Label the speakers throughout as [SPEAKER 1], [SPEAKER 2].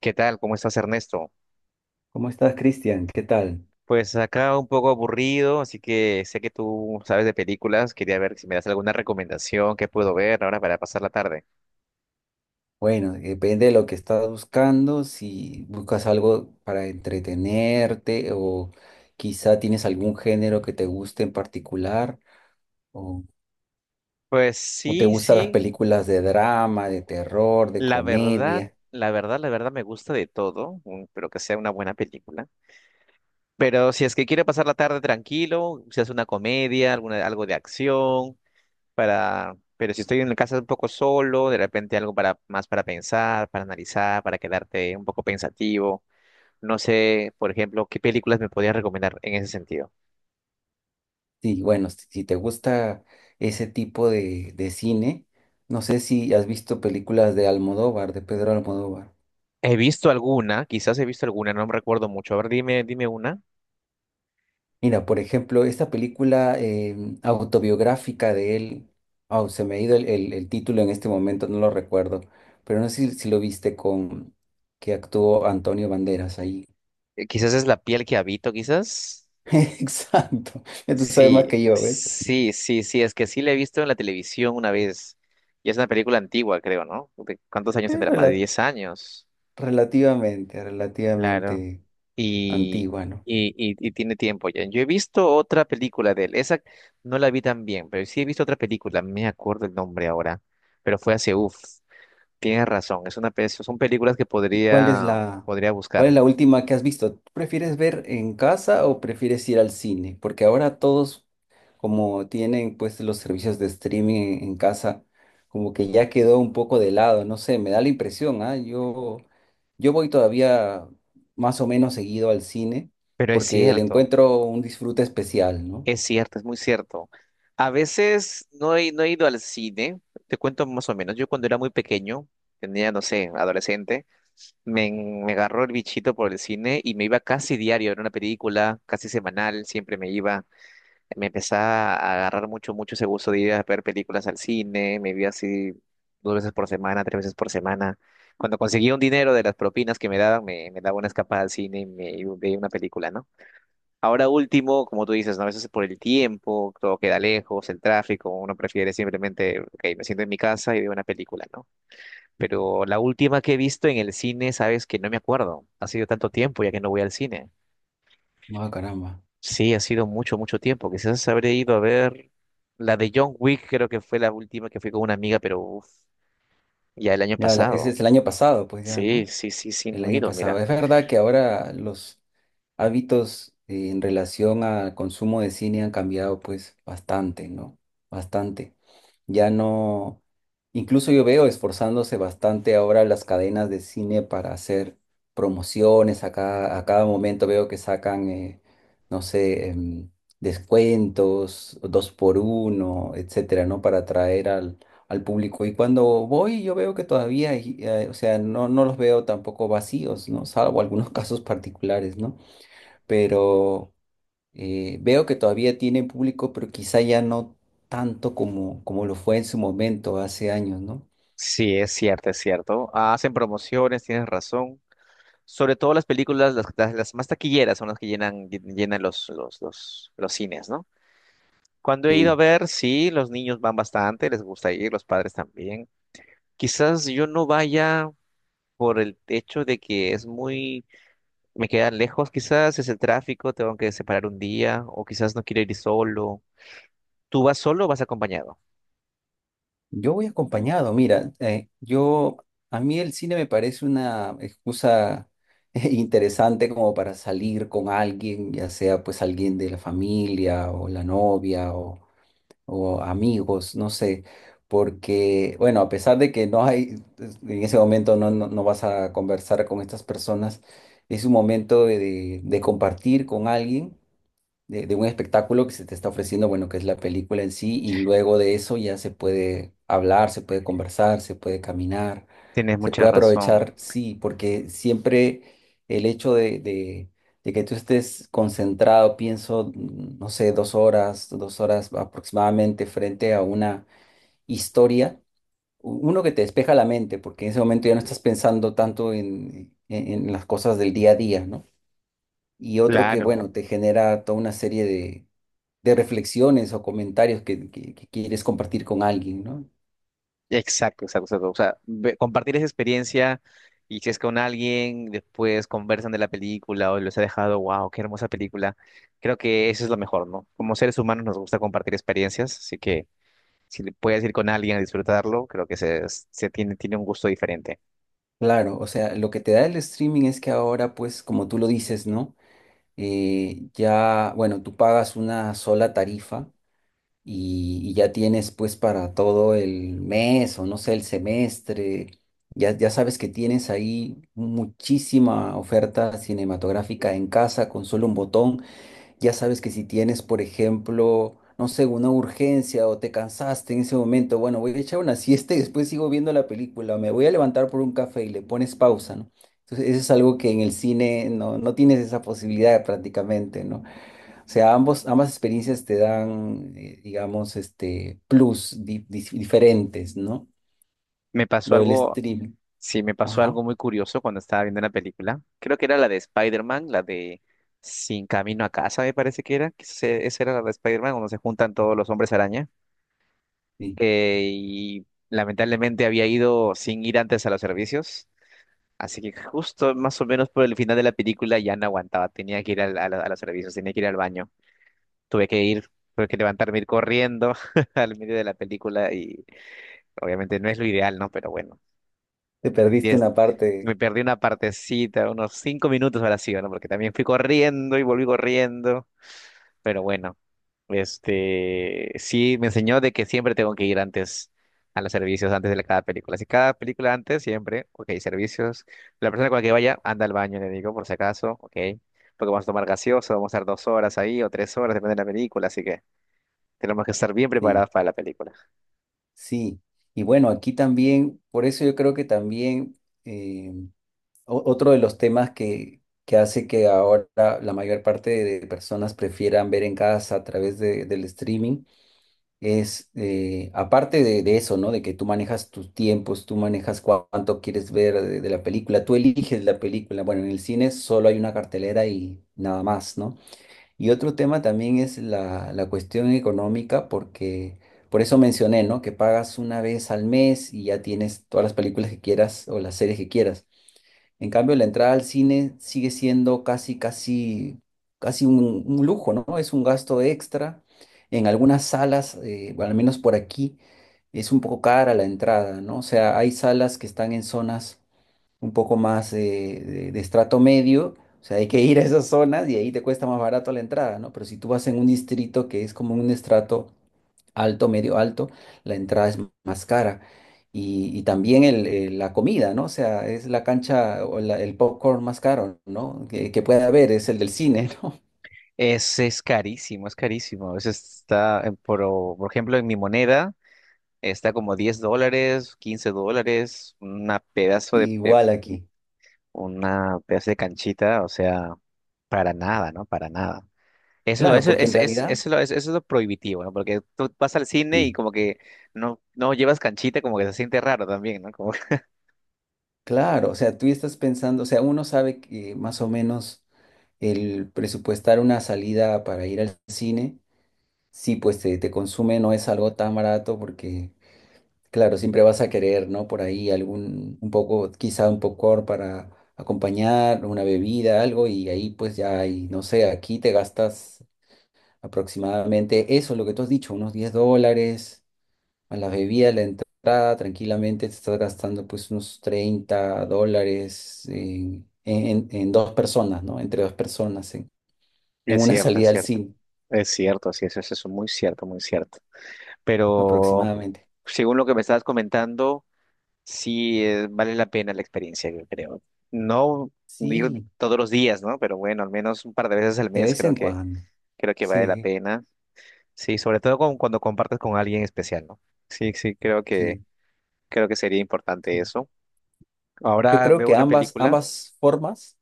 [SPEAKER 1] ¿Qué tal? ¿Cómo estás, Ernesto?
[SPEAKER 2] ¿Cómo estás, Cristian? ¿Qué tal?
[SPEAKER 1] Pues acá un poco aburrido, así que sé que tú sabes de películas. Quería ver si me das alguna recomendación que puedo ver ahora para pasar la tarde.
[SPEAKER 2] Bueno, depende de lo que estás buscando, si buscas algo para entretenerte o quizá tienes algún género que te guste en particular o,
[SPEAKER 1] Pues
[SPEAKER 2] o te
[SPEAKER 1] sí,
[SPEAKER 2] gustan las
[SPEAKER 1] sí.
[SPEAKER 2] películas de drama, de terror, de
[SPEAKER 1] La verdad,
[SPEAKER 2] comedia.
[SPEAKER 1] la verdad me gusta de todo, pero que sea una buena película. Pero si es que quiero pasar la tarde tranquilo, si es una comedia, alguna, algo de acción, para... Pero si estoy en la casa un poco solo, de repente algo para, más para pensar, para analizar, para quedarte un poco pensativo. No sé, por ejemplo, qué películas me podías recomendar en ese sentido.
[SPEAKER 2] Sí, bueno, si te gusta ese tipo de cine, no sé si has visto películas de Almodóvar, de Pedro Almodóvar.
[SPEAKER 1] He visto alguna, quizás he visto alguna, no me recuerdo mucho. A ver, dime una.
[SPEAKER 2] Mira, por ejemplo, esta película autobiográfica de él, oh, se me ha ido el título en este momento, no lo recuerdo, pero no sé si lo viste con que actuó Antonio Banderas ahí.
[SPEAKER 1] Quizás es La piel que habito, quizás.
[SPEAKER 2] Exacto, ya tú sabes más
[SPEAKER 1] Sí,
[SPEAKER 2] que yo, ¿ves?
[SPEAKER 1] sí, sí, sí, es que sí la he visto en la televisión una vez. Y es una película antigua, creo, ¿no? ¿De cuántos años
[SPEAKER 2] Es
[SPEAKER 1] tendrá? Más de
[SPEAKER 2] rela-
[SPEAKER 1] 10 años.
[SPEAKER 2] relativamente,
[SPEAKER 1] Claro.
[SPEAKER 2] relativamente
[SPEAKER 1] Y,
[SPEAKER 2] antigua, ¿no?
[SPEAKER 1] y tiene tiempo ya. Yo he visto otra película de él. Esa no la vi tan bien, pero sí he visto otra película. No me acuerdo el nombre ahora, pero fue hace, uff. Tienes razón, es una son películas que
[SPEAKER 2] ¿Y
[SPEAKER 1] podría, podría buscar.
[SPEAKER 2] cuál es la última que has visto? ¿Tú ¿Prefieres ver en casa o prefieres ir al cine? Porque ahora todos, como tienen pues los servicios de streaming en casa, como que ya quedó un poco de lado, no sé, me da la impresión, ¿ah? Yo voy todavía más o menos seguido al cine
[SPEAKER 1] Pero es
[SPEAKER 2] porque le
[SPEAKER 1] cierto,
[SPEAKER 2] encuentro un disfrute especial, ¿no?
[SPEAKER 1] es cierto, es muy cierto. A veces no he ido al cine, te cuento más o menos. Yo cuando era muy pequeño, tenía, no sé, adolescente, me agarró el bichito por el cine y me iba casi diario a ver una película, casi semanal, siempre me iba. Me empezaba a agarrar mucho, mucho ese gusto de ir a ver películas al cine, me vi así 2 veces por semana, 3 veces por semana. Cuando conseguía un dinero de las propinas que me daban, me daba una escapada al cine y me y veía una película, ¿no? Ahora último, como tú dices, ¿no? A veces es por el tiempo, todo queda lejos, el tráfico, uno prefiere simplemente, ok, me siento en mi casa y veo una película, ¿no? Pero la última que he visto en el cine, sabes que no me acuerdo, ha sido tanto tiempo ya que no voy al cine.
[SPEAKER 2] Ah, caramba.
[SPEAKER 1] Sí, ha sido mucho, mucho tiempo. Quizás habré ido a ver la de John Wick, creo que fue la última que fui con una amiga, pero uf, ya el año
[SPEAKER 2] Ya, ese
[SPEAKER 1] pasado.
[SPEAKER 2] es el año pasado, pues ya,
[SPEAKER 1] Sí,
[SPEAKER 2] ¿no?
[SPEAKER 1] sí, sí, sí,
[SPEAKER 2] El
[SPEAKER 1] no he
[SPEAKER 2] año
[SPEAKER 1] ido,
[SPEAKER 2] pasado.
[SPEAKER 1] mira.
[SPEAKER 2] Es verdad que ahora los hábitos en relación al consumo de cine han cambiado pues bastante, ¿no? Bastante. Ya no, incluso yo veo esforzándose bastante ahora las cadenas de cine para hacer promociones. A cada momento veo que sacan, no sé, descuentos, dos por uno, etcétera, ¿no? Para atraer al público. Y cuando voy, yo veo que todavía, hay, o sea, no los veo tampoco vacíos, ¿no? Salvo algunos casos particulares, ¿no? Pero. Veo que todavía tiene público, pero quizá ya no tanto como lo fue en su momento hace años, ¿no?
[SPEAKER 1] Sí, es cierto, es cierto. Hacen promociones, tienes razón. Sobre todo las películas, las más taquilleras son las que llenan, llenan los cines, ¿no? Cuando he ido a
[SPEAKER 2] Sí,
[SPEAKER 1] ver, sí, los niños van bastante, les gusta ir, los padres también. Quizás yo no vaya por el hecho de que es muy me queda lejos, quizás es el tráfico, tengo que separar un día, o quizás no quiero ir solo. ¿Tú vas solo o vas acompañado?
[SPEAKER 2] yo voy acompañado, mira, yo, a mí el cine me parece una excusa interesante como para salir con alguien, ya sea pues alguien de la familia o la novia o amigos, no sé, porque, bueno, a pesar de que no hay, en ese momento no vas a conversar con estas personas, es un momento de compartir con alguien de un espectáculo que se te está ofreciendo, bueno, que es la película en sí, y luego de eso ya se puede hablar, se puede conversar, se puede caminar,
[SPEAKER 1] Tienes
[SPEAKER 2] se
[SPEAKER 1] mucha
[SPEAKER 2] puede
[SPEAKER 1] razón.
[SPEAKER 2] aprovechar, sí, porque siempre el hecho de que tú estés concentrado, pienso, no sé, 2 horas, 2 horas aproximadamente frente a una historia, uno que te despeja la mente, porque en ese momento ya no estás pensando tanto en las cosas del día a día, ¿no? Y otro que,
[SPEAKER 1] Claro,
[SPEAKER 2] bueno, te genera toda una serie de reflexiones o comentarios que quieres compartir con alguien, ¿no?
[SPEAKER 1] exacto, exacto, exacto. O sea, compartir esa experiencia y si es con alguien, después conversan de la película o les ha dejado, wow, qué hermosa película. Creo que eso es lo mejor, ¿no? Como seres humanos nos gusta compartir experiencias, así que si le puedes ir con alguien a disfrutarlo, creo que tiene un gusto diferente.
[SPEAKER 2] Claro, o sea, lo que te da el streaming es que ahora, pues, como tú lo dices, ¿no? Ya, bueno, tú pagas una sola tarifa y ya tienes, pues, para todo el mes o no sé, el semestre. Ya sabes que tienes ahí muchísima oferta cinematográfica en casa con solo un botón. Ya sabes que si tienes, por ejemplo, no sé, una urgencia o te cansaste en ese momento, bueno, voy a echar una siesta y después sigo viendo la película, me voy a levantar por un café y le pones pausa, ¿no? Entonces, eso es algo que en el cine no tienes esa posibilidad prácticamente, ¿no? O sea, ambas experiencias te dan, digamos, este, plus diferentes, ¿no?
[SPEAKER 1] Me pasó
[SPEAKER 2] Lo del
[SPEAKER 1] algo
[SPEAKER 2] stream.
[SPEAKER 1] Sí, me pasó
[SPEAKER 2] Ajá,
[SPEAKER 1] algo muy curioso cuando estaba viendo la película. Creo que era la de Spider-Man, la de Sin Camino a Casa, me parece que era. Esa era la de Spider-Man, donde se juntan todos los hombres araña.
[SPEAKER 2] sí.
[SPEAKER 1] Y lamentablemente había ido sin ir antes a los servicios. Así que justo más o menos por el final de la película ya no aguantaba. Tenía que ir a los servicios, tenía que ir al baño. Tuve que ir, tuve que levantarme, ir corriendo al medio de la película. Y obviamente no es lo ideal, ¿no? Pero bueno.
[SPEAKER 2] Te perdiste una
[SPEAKER 1] Me
[SPEAKER 2] parte,
[SPEAKER 1] perdí una partecita, unos 5 minutos ahora sí, ¿no? Porque también fui corriendo y volví corriendo. Pero bueno, este sí me enseñó de que siempre tengo que ir antes a los servicios, antes de cada película. Si cada película antes, siempre, ok, servicios. La persona con la que vaya, anda al baño, le digo, por si acaso, ok. Porque vamos a tomar gaseoso, vamos a estar 2 horas ahí o 3 horas, depende de la película, así que tenemos que estar bien
[SPEAKER 2] sí.
[SPEAKER 1] preparados para la película.
[SPEAKER 2] Sí, y bueno, aquí también, por eso yo creo que también eh, otro de los temas que hace que ahora la mayor parte de personas prefieran ver en casa a través del streaming es, aparte de eso, ¿no? De que tú manejas tus tiempos, tú manejas cuánto quieres ver de la película, tú eliges la película. Bueno, en el cine solo hay una cartelera y nada más, ¿no? Y otro tema también es la cuestión económica, porque por eso mencioné, ¿no? Que pagas una vez al mes y ya tienes todas las películas que quieras o las series que quieras. En cambio, la entrada al cine sigue siendo casi, casi, casi un lujo, ¿no? Es un gasto extra. En algunas salas, bueno, al menos por aquí, es un poco cara la entrada, ¿no? O sea, hay salas que están en zonas un poco más de estrato medio, o sea, hay que ir a esas zonas y ahí te cuesta más barato la entrada, ¿no? Pero si tú vas en un distrito que es como un estrato alto, medio alto, la entrada es más cara. Y también la comida, ¿no? O sea, es la cancha o el popcorn más caro, ¿no? Que puede haber, es el del cine, ¿no?
[SPEAKER 1] Es carísimo, es carísimo. A veces está, por ejemplo, en mi moneda. Está como $10, $15, una pedazo
[SPEAKER 2] Igual aquí.
[SPEAKER 1] una pedazo de canchita, o sea, para nada, ¿no? Para nada. Eso es lo,
[SPEAKER 2] Claro,
[SPEAKER 1] eso,
[SPEAKER 2] porque en
[SPEAKER 1] es-
[SPEAKER 2] realidad,
[SPEAKER 1] eso es lo prohibitivo, ¿no? Porque tú vas al cine y
[SPEAKER 2] sí,
[SPEAKER 1] como que no llevas canchita, como que se siente raro también, ¿no? Como...
[SPEAKER 2] claro, o sea, tú estás pensando, o sea, uno sabe que más o menos el presupuestar una salida para ir al cine. Sí, pues te consume, no es algo tan barato porque, claro, siempre vas a querer, ¿no? Por ahí algún, un poco, quizá un popcorn para acompañar, una bebida, algo, y ahí pues ya hay, no sé, aquí te gastas aproximadamente eso, lo que tú has dicho, unos $10, a la bebida, la entrada, tranquilamente te estás gastando pues unos $30 en dos personas, ¿no? Entre dos personas, en
[SPEAKER 1] Es
[SPEAKER 2] una
[SPEAKER 1] cierto, es
[SPEAKER 2] salida al
[SPEAKER 1] cierto.
[SPEAKER 2] cine,
[SPEAKER 1] Es cierto, sí, es muy cierto, muy cierto. Pero
[SPEAKER 2] aproximadamente.
[SPEAKER 1] según lo que me estabas comentando, sí, vale la pena la experiencia, yo creo. No ir
[SPEAKER 2] Sí,
[SPEAKER 1] todos los días, ¿no? Pero bueno, al menos un par de veces al
[SPEAKER 2] de
[SPEAKER 1] mes
[SPEAKER 2] vez en cuando.
[SPEAKER 1] creo que vale la
[SPEAKER 2] Sí,
[SPEAKER 1] pena. Sí, sobre todo cuando compartes con alguien especial, ¿no? Sí, sí,
[SPEAKER 2] sí,
[SPEAKER 1] creo que sería importante
[SPEAKER 2] sí.
[SPEAKER 1] eso.
[SPEAKER 2] Yo
[SPEAKER 1] Ahora
[SPEAKER 2] creo
[SPEAKER 1] veo
[SPEAKER 2] que
[SPEAKER 1] una
[SPEAKER 2] ambas,
[SPEAKER 1] película,
[SPEAKER 2] ambas formas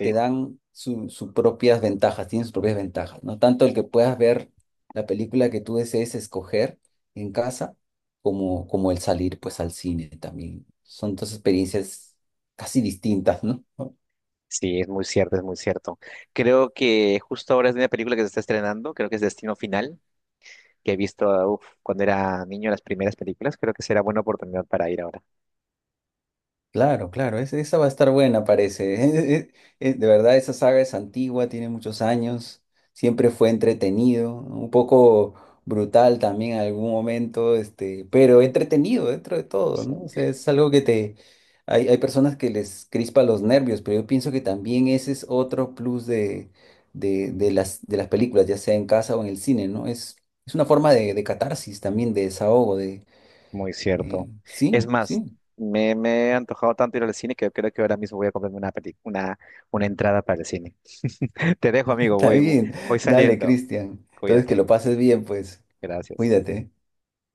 [SPEAKER 2] te dan sus propias ventajas, tienen sus propias ventajas, ¿no? Tanto el que puedas ver la película que tú desees escoger en casa, como el salir pues al cine también. Son dos experiencias casi distintas, ¿no?
[SPEAKER 1] Sí, es muy cierto, es muy cierto. Creo que justo ahora es una película que se está estrenando, creo que es Destino Final, que he visto, uf, cuando era niño las primeras películas, creo que será buena oportunidad para ir ahora.
[SPEAKER 2] Claro, claro, esa va a estar buena, parece. Eh, De verdad, esa saga es antigua, tiene muchos años, siempre fue entretenido, un poco brutal también en algún momento, este, pero entretenido dentro de todo,
[SPEAKER 1] Sí.
[SPEAKER 2] ¿no? O sea, es algo que te... Hay personas que les crispa los nervios, pero yo pienso que también ese es otro plus de las películas, ya sea en casa o en el cine, ¿no? Es una forma de catarsis también, de desahogo,
[SPEAKER 1] Muy cierto. Es
[SPEAKER 2] sí,
[SPEAKER 1] más,
[SPEAKER 2] sí.
[SPEAKER 1] me he antojado tanto ir al cine que creo que ahora mismo voy a comprarme una una entrada para el cine. Te dejo, amigo,
[SPEAKER 2] Está
[SPEAKER 1] voy,
[SPEAKER 2] bien.
[SPEAKER 1] voy
[SPEAKER 2] Dale,
[SPEAKER 1] saliendo.
[SPEAKER 2] Cristian. Entonces, que
[SPEAKER 1] Cuídate.
[SPEAKER 2] lo pases bien, pues.
[SPEAKER 1] Gracias.
[SPEAKER 2] Cuídate.